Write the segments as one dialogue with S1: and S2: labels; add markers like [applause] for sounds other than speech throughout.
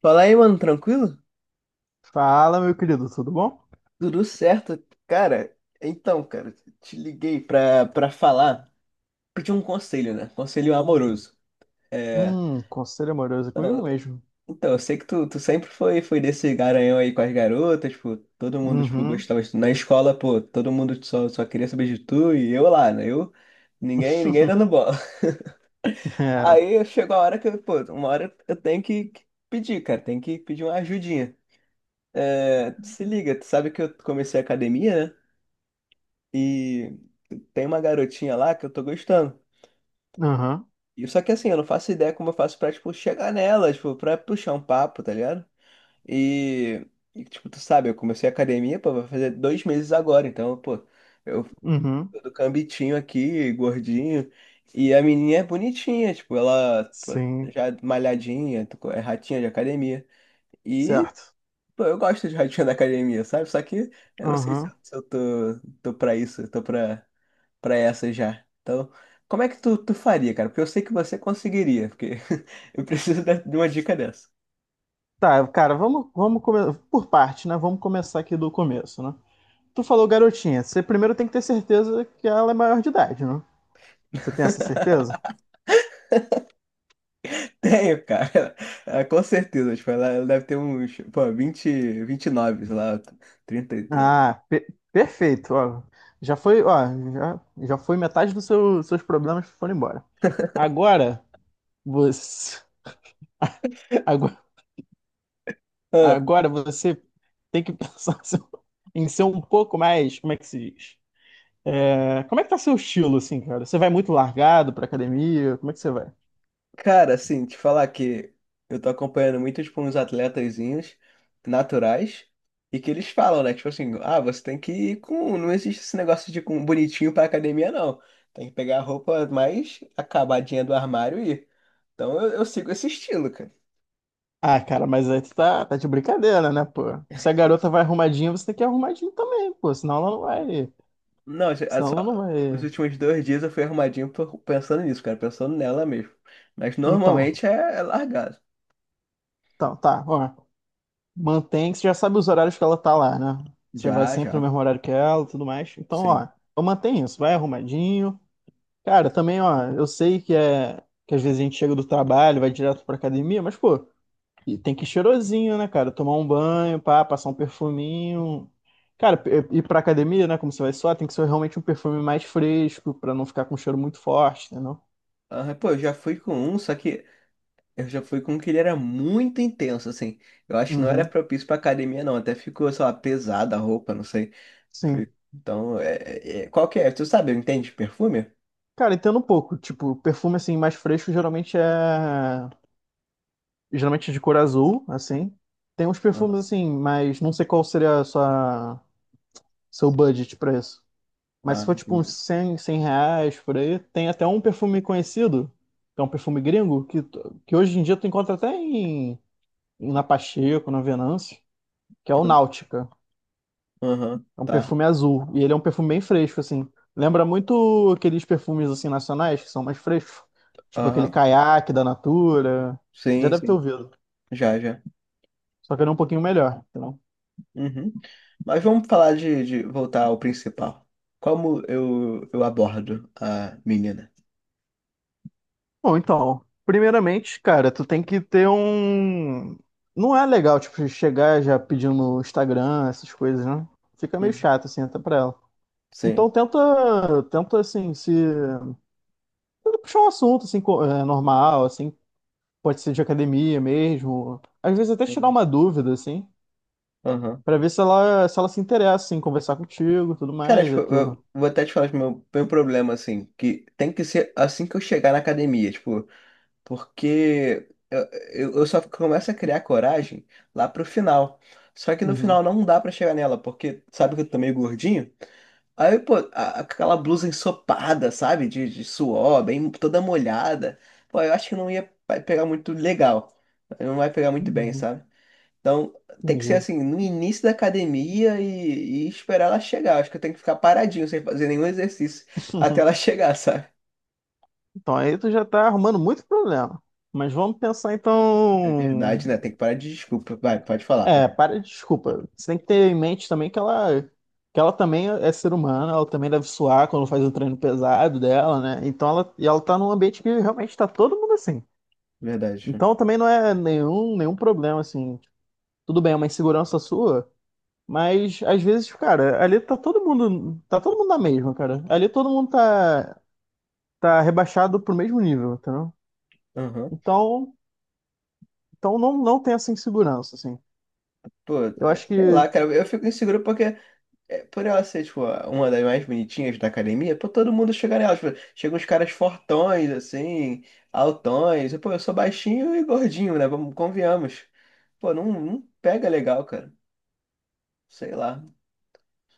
S1: Fala aí, mano, tranquilo?
S2: Fala, meu querido, tudo bom?
S1: Tudo certo? Cara, então, cara, te liguei pra falar, pedir um conselho, né? Conselho amoroso. É,
S2: Conselho amoroso é comigo
S1: não,
S2: mesmo.
S1: então, eu sei que tu sempre foi desse garanhão aí com as garotas, tipo, todo mundo, tipo,
S2: Uhum.
S1: gostava de tu. Na escola, pô, todo mundo só queria saber de tu e eu lá, né? Eu, ninguém
S2: [laughs]
S1: dando bola. [laughs]
S2: É.
S1: Aí chegou a hora que, eu, pô, uma hora eu tenho que pedir, cara, tenho que pedir uma ajudinha. É, se liga, tu sabe que eu comecei a academia, né? E tem uma garotinha lá que eu tô gostando.
S2: Uhum.
S1: E só que assim, eu não faço ideia como eu faço pra, tipo, chegar nela, tipo, pra puxar um papo, tá ligado? E, tipo, tu sabe, eu comecei a academia, pô, vai fazer dois meses agora, então, pô, eu
S2: Uhum.
S1: tô do cambitinho aqui, gordinho. E a menininha é bonitinha, tipo, ela, pô,
S2: Sim.
S1: já é malhadinha, é ratinha de academia. E,
S2: Certo.
S1: pô, eu gosto de ratinha [laughs] da academia, sabe? Só que eu não sei se,
S2: Uhum.
S1: eu se eu tô pra isso, eu tô pra. Para essa já. Então, como é que tu faria, cara? Porque eu sei que você conseguiria, porque [laughs] eu preciso de uma dica dessa.
S2: Tá, cara, vamos come... por parte, né? Vamos começar aqui do começo, né? Tu falou garotinha. Você primeiro tem que ter certeza que ela é maior de idade, né? Você tem essa certeza?
S1: Tenho, cara. [laughs] Ah, com certeza. Tipo, ela deve ter uns, pô, 20, nove sei lá, 32.
S2: Ah, perfeito. Ó, já foi, ó, já, já foi metade dos seus problemas foram embora. Agora, você. Agora você tem que [laughs] pensar em ser um pouco mais, como é que se diz? É, como é que tá seu estilo, assim, cara? Você vai muito largado pra academia? Como é que você vai?
S1: Cara, assim, te falar que eu tô acompanhando muito, tipo, uns atletazinhos naturais e que eles falam, né? Tipo assim, ah, você tem que ir com. Não existe esse negócio de ir com bonitinho pra academia, não. Tem que pegar a roupa mais acabadinha do armário e ir. Então eu sigo esse estilo, cara.
S2: Ah, cara, mas aí tu tá de brincadeira, né, pô? Se a garota vai arrumadinha, você tem que ir arrumadinho também, pô. Senão ela não vai.
S1: Não, é
S2: Senão ela não
S1: só- Nos
S2: vai.
S1: últimos dois dias eu fui arrumadinho pensando nisso, cara, pensando nela mesmo. Mas
S2: Então,
S1: normalmente é largado.
S2: então, tá, ó. Mantém que você já sabe os horários que ela tá lá, né? Você vai
S1: Já,
S2: sempre no
S1: já.
S2: mesmo horário que ela e tudo mais. Então,
S1: Sim.
S2: ó, então mantém isso. Vai arrumadinho. Cara, também, ó, eu sei que é que às vezes a gente chega do trabalho, vai direto pra academia, mas, pô, e tem que ir cheirosinho, né, cara? Tomar um banho, pá, passar um perfuminho. Cara, ir pra academia, né, como você vai suar, tem que ser realmente um perfume mais fresco, pra não ficar com um cheiro muito forte, entendeu?
S1: Ah, pô, eu já fui com um, só que eu já fui com um que ele era muito intenso, assim. Eu acho que não era
S2: Uhum,
S1: propício pra academia, não. Até ficou, sei lá, pesada a roupa, não sei. Foi-
S2: sim.
S1: Então, é, qual que é? Tu sabe, entende de perfume?
S2: Cara, entendo um pouco. Tipo, perfume assim mais fresco geralmente é de cor azul, assim. Tem uns
S1: Ah,
S2: perfumes assim, mas não sei qual seria a sua seu budget pra isso. Mas se
S1: ah,
S2: for tipo uns
S1: entendi.
S2: 100 R$ 100 por aí, tem até um perfume conhecido, que é um perfume gringo, que, que hoje em dia tu encontra até em, na Pacheco, na Venâncio, que é o Náutica.
S1: Aham,
S2: É um
S1: tá.
S2: perfume azul. E ele é um perfume bem fresco, assim. Lembra muito aqueles perfumes assim nacionais, que são mais frescos. Tipo aquele
S1: Aham.
S2: Caiaque da Natura. Já
S1: Sim,
S2: deve ter
S1: sim.
S2: ouvido.
S1: Já, já.
S2: Só que ele é um pouquinho melhor.
S1: Uhum. Mas vamos falar de voltar ao principal. Como eu abordo a menina?
S2: Bom, então, primeiramente, cara, tu tem que ter um. Não é legal, tipo, chegar já pedindo no Instagram, essas coisas, né? Fica meio
S1: Uhum.
S2: chato, assim, até pra ela.
S1: Sim.
S2: Então tenta assim, se. Puxar um assunto, assim, é, normal, assim, pode ser de academia mesmo. Às vezes até tirar
S1: Sim.
S2: uma dúvida, assim, pra ver se ela, se ela se interessa, assim, conversar contigo, tudo
S1: Cara,
S2: mais,
S1: tipo,
S2: aí tu.
S1: eu vou até te falar do meu, meu problema, assim, que tem que ser assim que eu chegar na academia, tipo, porque eu só começo a criar coragem lá pro final. Só que no final
S2: Uhum.
S1: não dá pra chegar nela, porque sabe que eu tô meio gordinho? Aí, pô, aquela blusa ensopada, sabe? De suor, bem toda molhada. Pô, eu acho que não ia vai pegar muito legal. Não vai pegar muito bem,
S2: Uhum.
S1: sabe? Então, tem que ser
S2: Entendi.
S1: assim, no início da academia e esperar ela chegar. Acho que eu tenho que ficar paradinho, sem fazer nenhum exercício, até ela [laughs]
S2: [laughs]
S1: chegar, sabe?
S2: Então aí tu já tá arrumando muito problema. Mas vamos pensar
S1: É
S2: então.
S1: verdade, né? Tem que parar de desculpa. Vai, pode falar.
S2: É, para, desculpa. Você tem que ter em mente também que ela também é ser humana, ela também deve suar quando faz o treino pesado dela, né? Então ela, e ela tá num ambiente que realmente tá todo mundo assim.
S1: Verdade.
S2: Então também não é nenhum, nenhum problema, assim. Tudo bem, é uma insegurança sua, mas às vezes, cara, ali tá todo mundo na mesma, cara. Ali todo mundo tá, tá rebaixado pro mesmo nível, entendeu?
S1: Aham.
S2: Então, então não, não tem essa insegurança, assim.
S1: Pô,
S2: Eu
S1: é,
S2: acho
S1: sei
S2: que
S1: lá, cara, eu fico inseguro porque, é, por ela ser, tipo, uma das mais bonitinhas da academia, pô, todo mundo chega nela. Tipo, chegam uns caras fortões, assim, altões. E pô, eu sou baixinho e gordinho, né? Vamos, convenhamos. Pô, não pega legal, cara. Sei lá.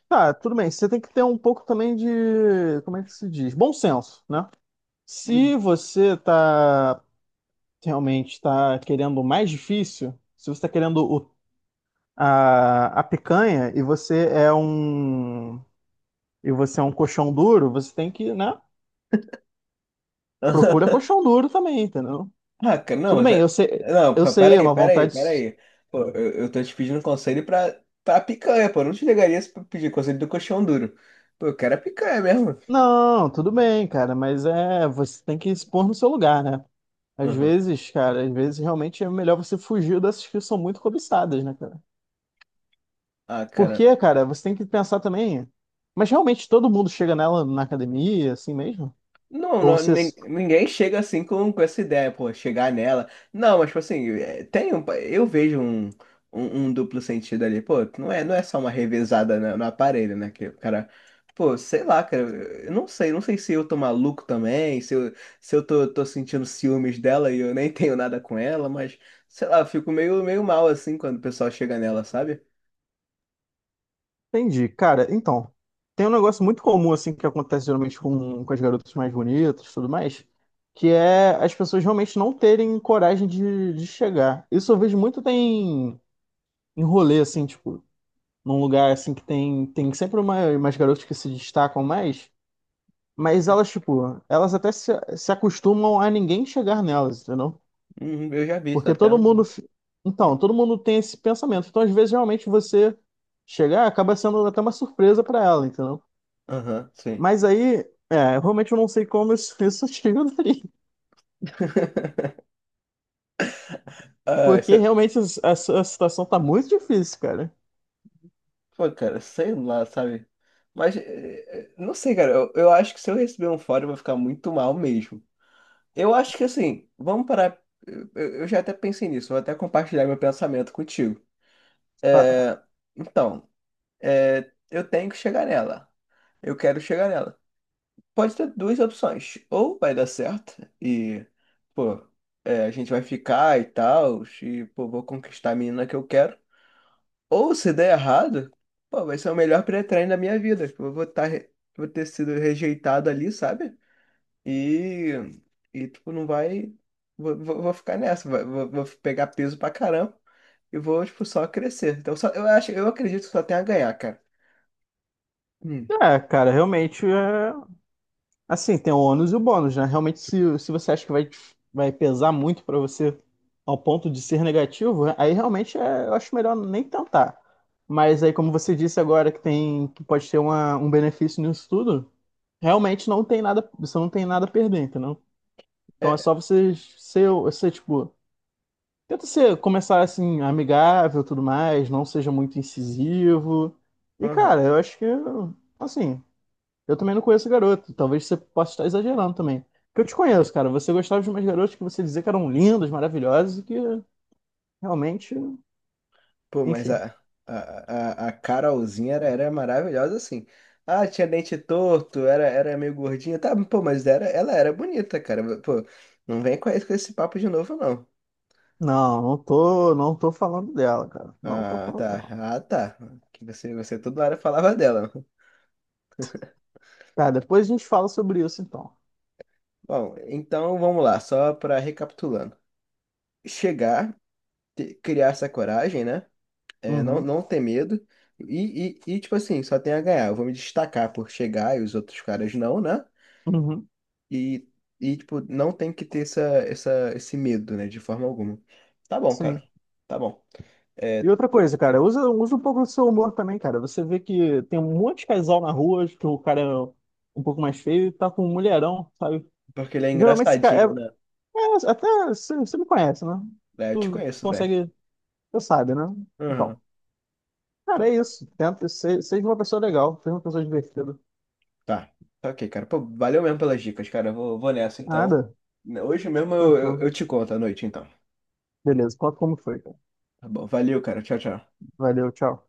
S2: tá, tudo bem. Você tem que ter um pouco também de, como é que se diz? Bom senso, né? Se
S1: Uhum.
S2: você realmente tá querendo o mais difícil, se você tá querendo a picanha e você é um e você é um colchão duro, você tem que, né?
S1: [laughs]
S2: Procura colchão duro também, entendeu?
S1: Ah, cara, não,
S2: Tudo bem,
S1: Não,
S2: eu sei, é
S1: peraí,
S2: uma
S1: peraí,
S2: vontade.
S1: peraí. Pô, eu tô te pedindo conselho pra picanha, pô. Eu não te ligaria se pra pedir conselho do coxão duro. Pô, eu quero a picanha mesmo.
S2: Não, tudo bem, cara, mas é, você tem que se pôr no seu lugar, né? Às
S1: Aham.
S2: vezes, cara, às vezes realmente é melhor você fugir dessas que são muito cobiçadas, né, cara?
S1: Ah, cara.
S2: Porque, cara, você tem que pensar também. Mas realmente todo mundo chega nela na academia, assim mesmo?
S1: Não,
S2: Ou
S1: não,
S2: você.
S1: ninguém chega assim com essa ideia, pô, chegar nela. Não, mas tipo assim, é, tem um, eu vejo um duplo sentido ali, pô, não não é só uma revezada no aparelho, né? Que o cara, pô, sei lá, cara, eu não sei, não sei se eu tô maluco também, se eu tô sentindo ciúmes dela e eu nem [laughs] tenho nada com ela, mas sei lá, eu fico meio mal assim quando o pessoal chega nela, sabe?
S2: Entendi. Cara, então. Tem um negócio muito comum, assim, que acontece geralmente com as garotas mais bonitas e tudo mais, que é as pessoas realmente não terem coragem de chegar. Isso eu vejo muito tem em rolê, assim, tipo, num lugar, assim, que tem, tem sempre uma, umas garotas que se destacam mais. Mas elas, tipo, elas até se, se acostumam a ninguém chegar nelas, entendeu?
S1: Eu já vi isso
S2: Porque
S1: até
S2: todo mundo.
S1: um.
S2: Então, todo mundo tem esse pensamento. Então, às vezes, realmente, você chegar acaba sendo até uma surpresa pra ela, entendeu?
S1: Aham, sim.
S2: Mas aí, é, realmente eu não sei como isso, [laughs] isso te ajudaria.
S1: Ah,
S2: Porque realmente a, a situação tá muito difícil, cara.
S1: pô, cara, sei lá, sabe? Mas, não sei, cara, eu acho que se eu receber um fora, eu vou ficar muito mal mesmo. Eu acho que, assim, vamos parar. Eu já até pensei nisso, vou até compartilhar meu pensamento contigo.
S2: Tá.
S1: É, então, é, eu tenho que chegar nela. Eu quero chegar nela. Pode ter duas opções. Ou vai dar certo e, pô, é, a gente vai ficar e tal, e, pô, vou conquistar a menina que eu quero. Ou se der errado, pô, vai ser o melhor pré-treino da minha vida. Tipo, eu vou estar, vou ter sido rejeitado ali, sabe? E, e tipo, não vai. Vou ficar nessa, vou pegar peso pra caramba e vou, tipo, só crescer. Então, só, eu acho, eu acredito que só tem a ganhar, cara. Hum.
S2: É, cara, realmente é. Assim, tem o ônus e o bônus, né? Realmente, se você acha que vai, vai pesar muito pra você ao ponto de ser negativo, aí realmente eu acho melhor nem tentar. Mas aí, como você disse agora que tem que pode ter uma, um benefício nisso tudo, realmente não tem nada, você não tem nada a perder, entendeu? Então é
S1: É,
S2: só você ser, ser tipo, tenta ser, começar assim, amigável, e tudo mais, não seja muito incisivo. E cara,
S1: aham.
S2: eu acho que assim, eu também não conheço garoto. Talvez você possa estar exagerando também. Porque eu te conheço, cara. Você gostava de umas garotas que você dizia que eram lindas, maravilhosas e que realmente,
S1: Pô, mas
S2: enfim.
S1: a Carolzinha era maravilhosa assim. Ah, tinha dente torto, era meio gordinha. Tá, pô, mas era, ela era bonita, cara. Pô, não vem com com esse papo de novo, não.
S2: Não, não tô falando dela, cara. Não tô
S1: Ah,
S2: falando
S1: tá.
S2: dela.
S1: Ah, tá. Que você toda hora falava dela.
S2: Tá, depois a gente fala sobre isso então.
S1: Bom, então vamos lá, só para recapitulando. Chegar, criar essa coragem, né? É,
S2: Uhum,
S1: não ter medo. E, tipo assim, só tem a ganhar. Eu vou me destacar por chegar e os outros caras não, né?
S2: uhum,
S1: E, e tipo, não tem que ter esse medo, né? De forma alguma. Tá bom,
S2: sim.
S1: cara. Tá bom.
S2: E
S1: É,
S2: outra coisa, cara, usa um pouco do seu humor também, cara. Você vê que tem um monte de casal na rua, que o cara é um pouco mais feio e tá com um mulherão, sabe?
S1: porque ele é
S2: Geralmente esse cara é,
S1: engraçadinho, né?
S2: até você me conhece, né?
S1: É, eu te
S2: Tu
S1: conheço bem.
S2: consegue você sabe, né? Então,
S1: Uhum.
S2: cara, é isso. Tenta, seja uma pessoa legal, seja uma pessoa divertida.
S1: Tá, tá ok, cara. Pô, valeu mesmo pelas dicas, cara. Eu vou nessa então.
S2: Nada.
S1: Hoje mesmo
S2: Tranquilo.
S1: eu te conto à noite, então.
S2: Beleza, conta como foi, cara.
S1: Tá bom, valeu, cara. Tchau, tchau.
S2: Valeu, tchau.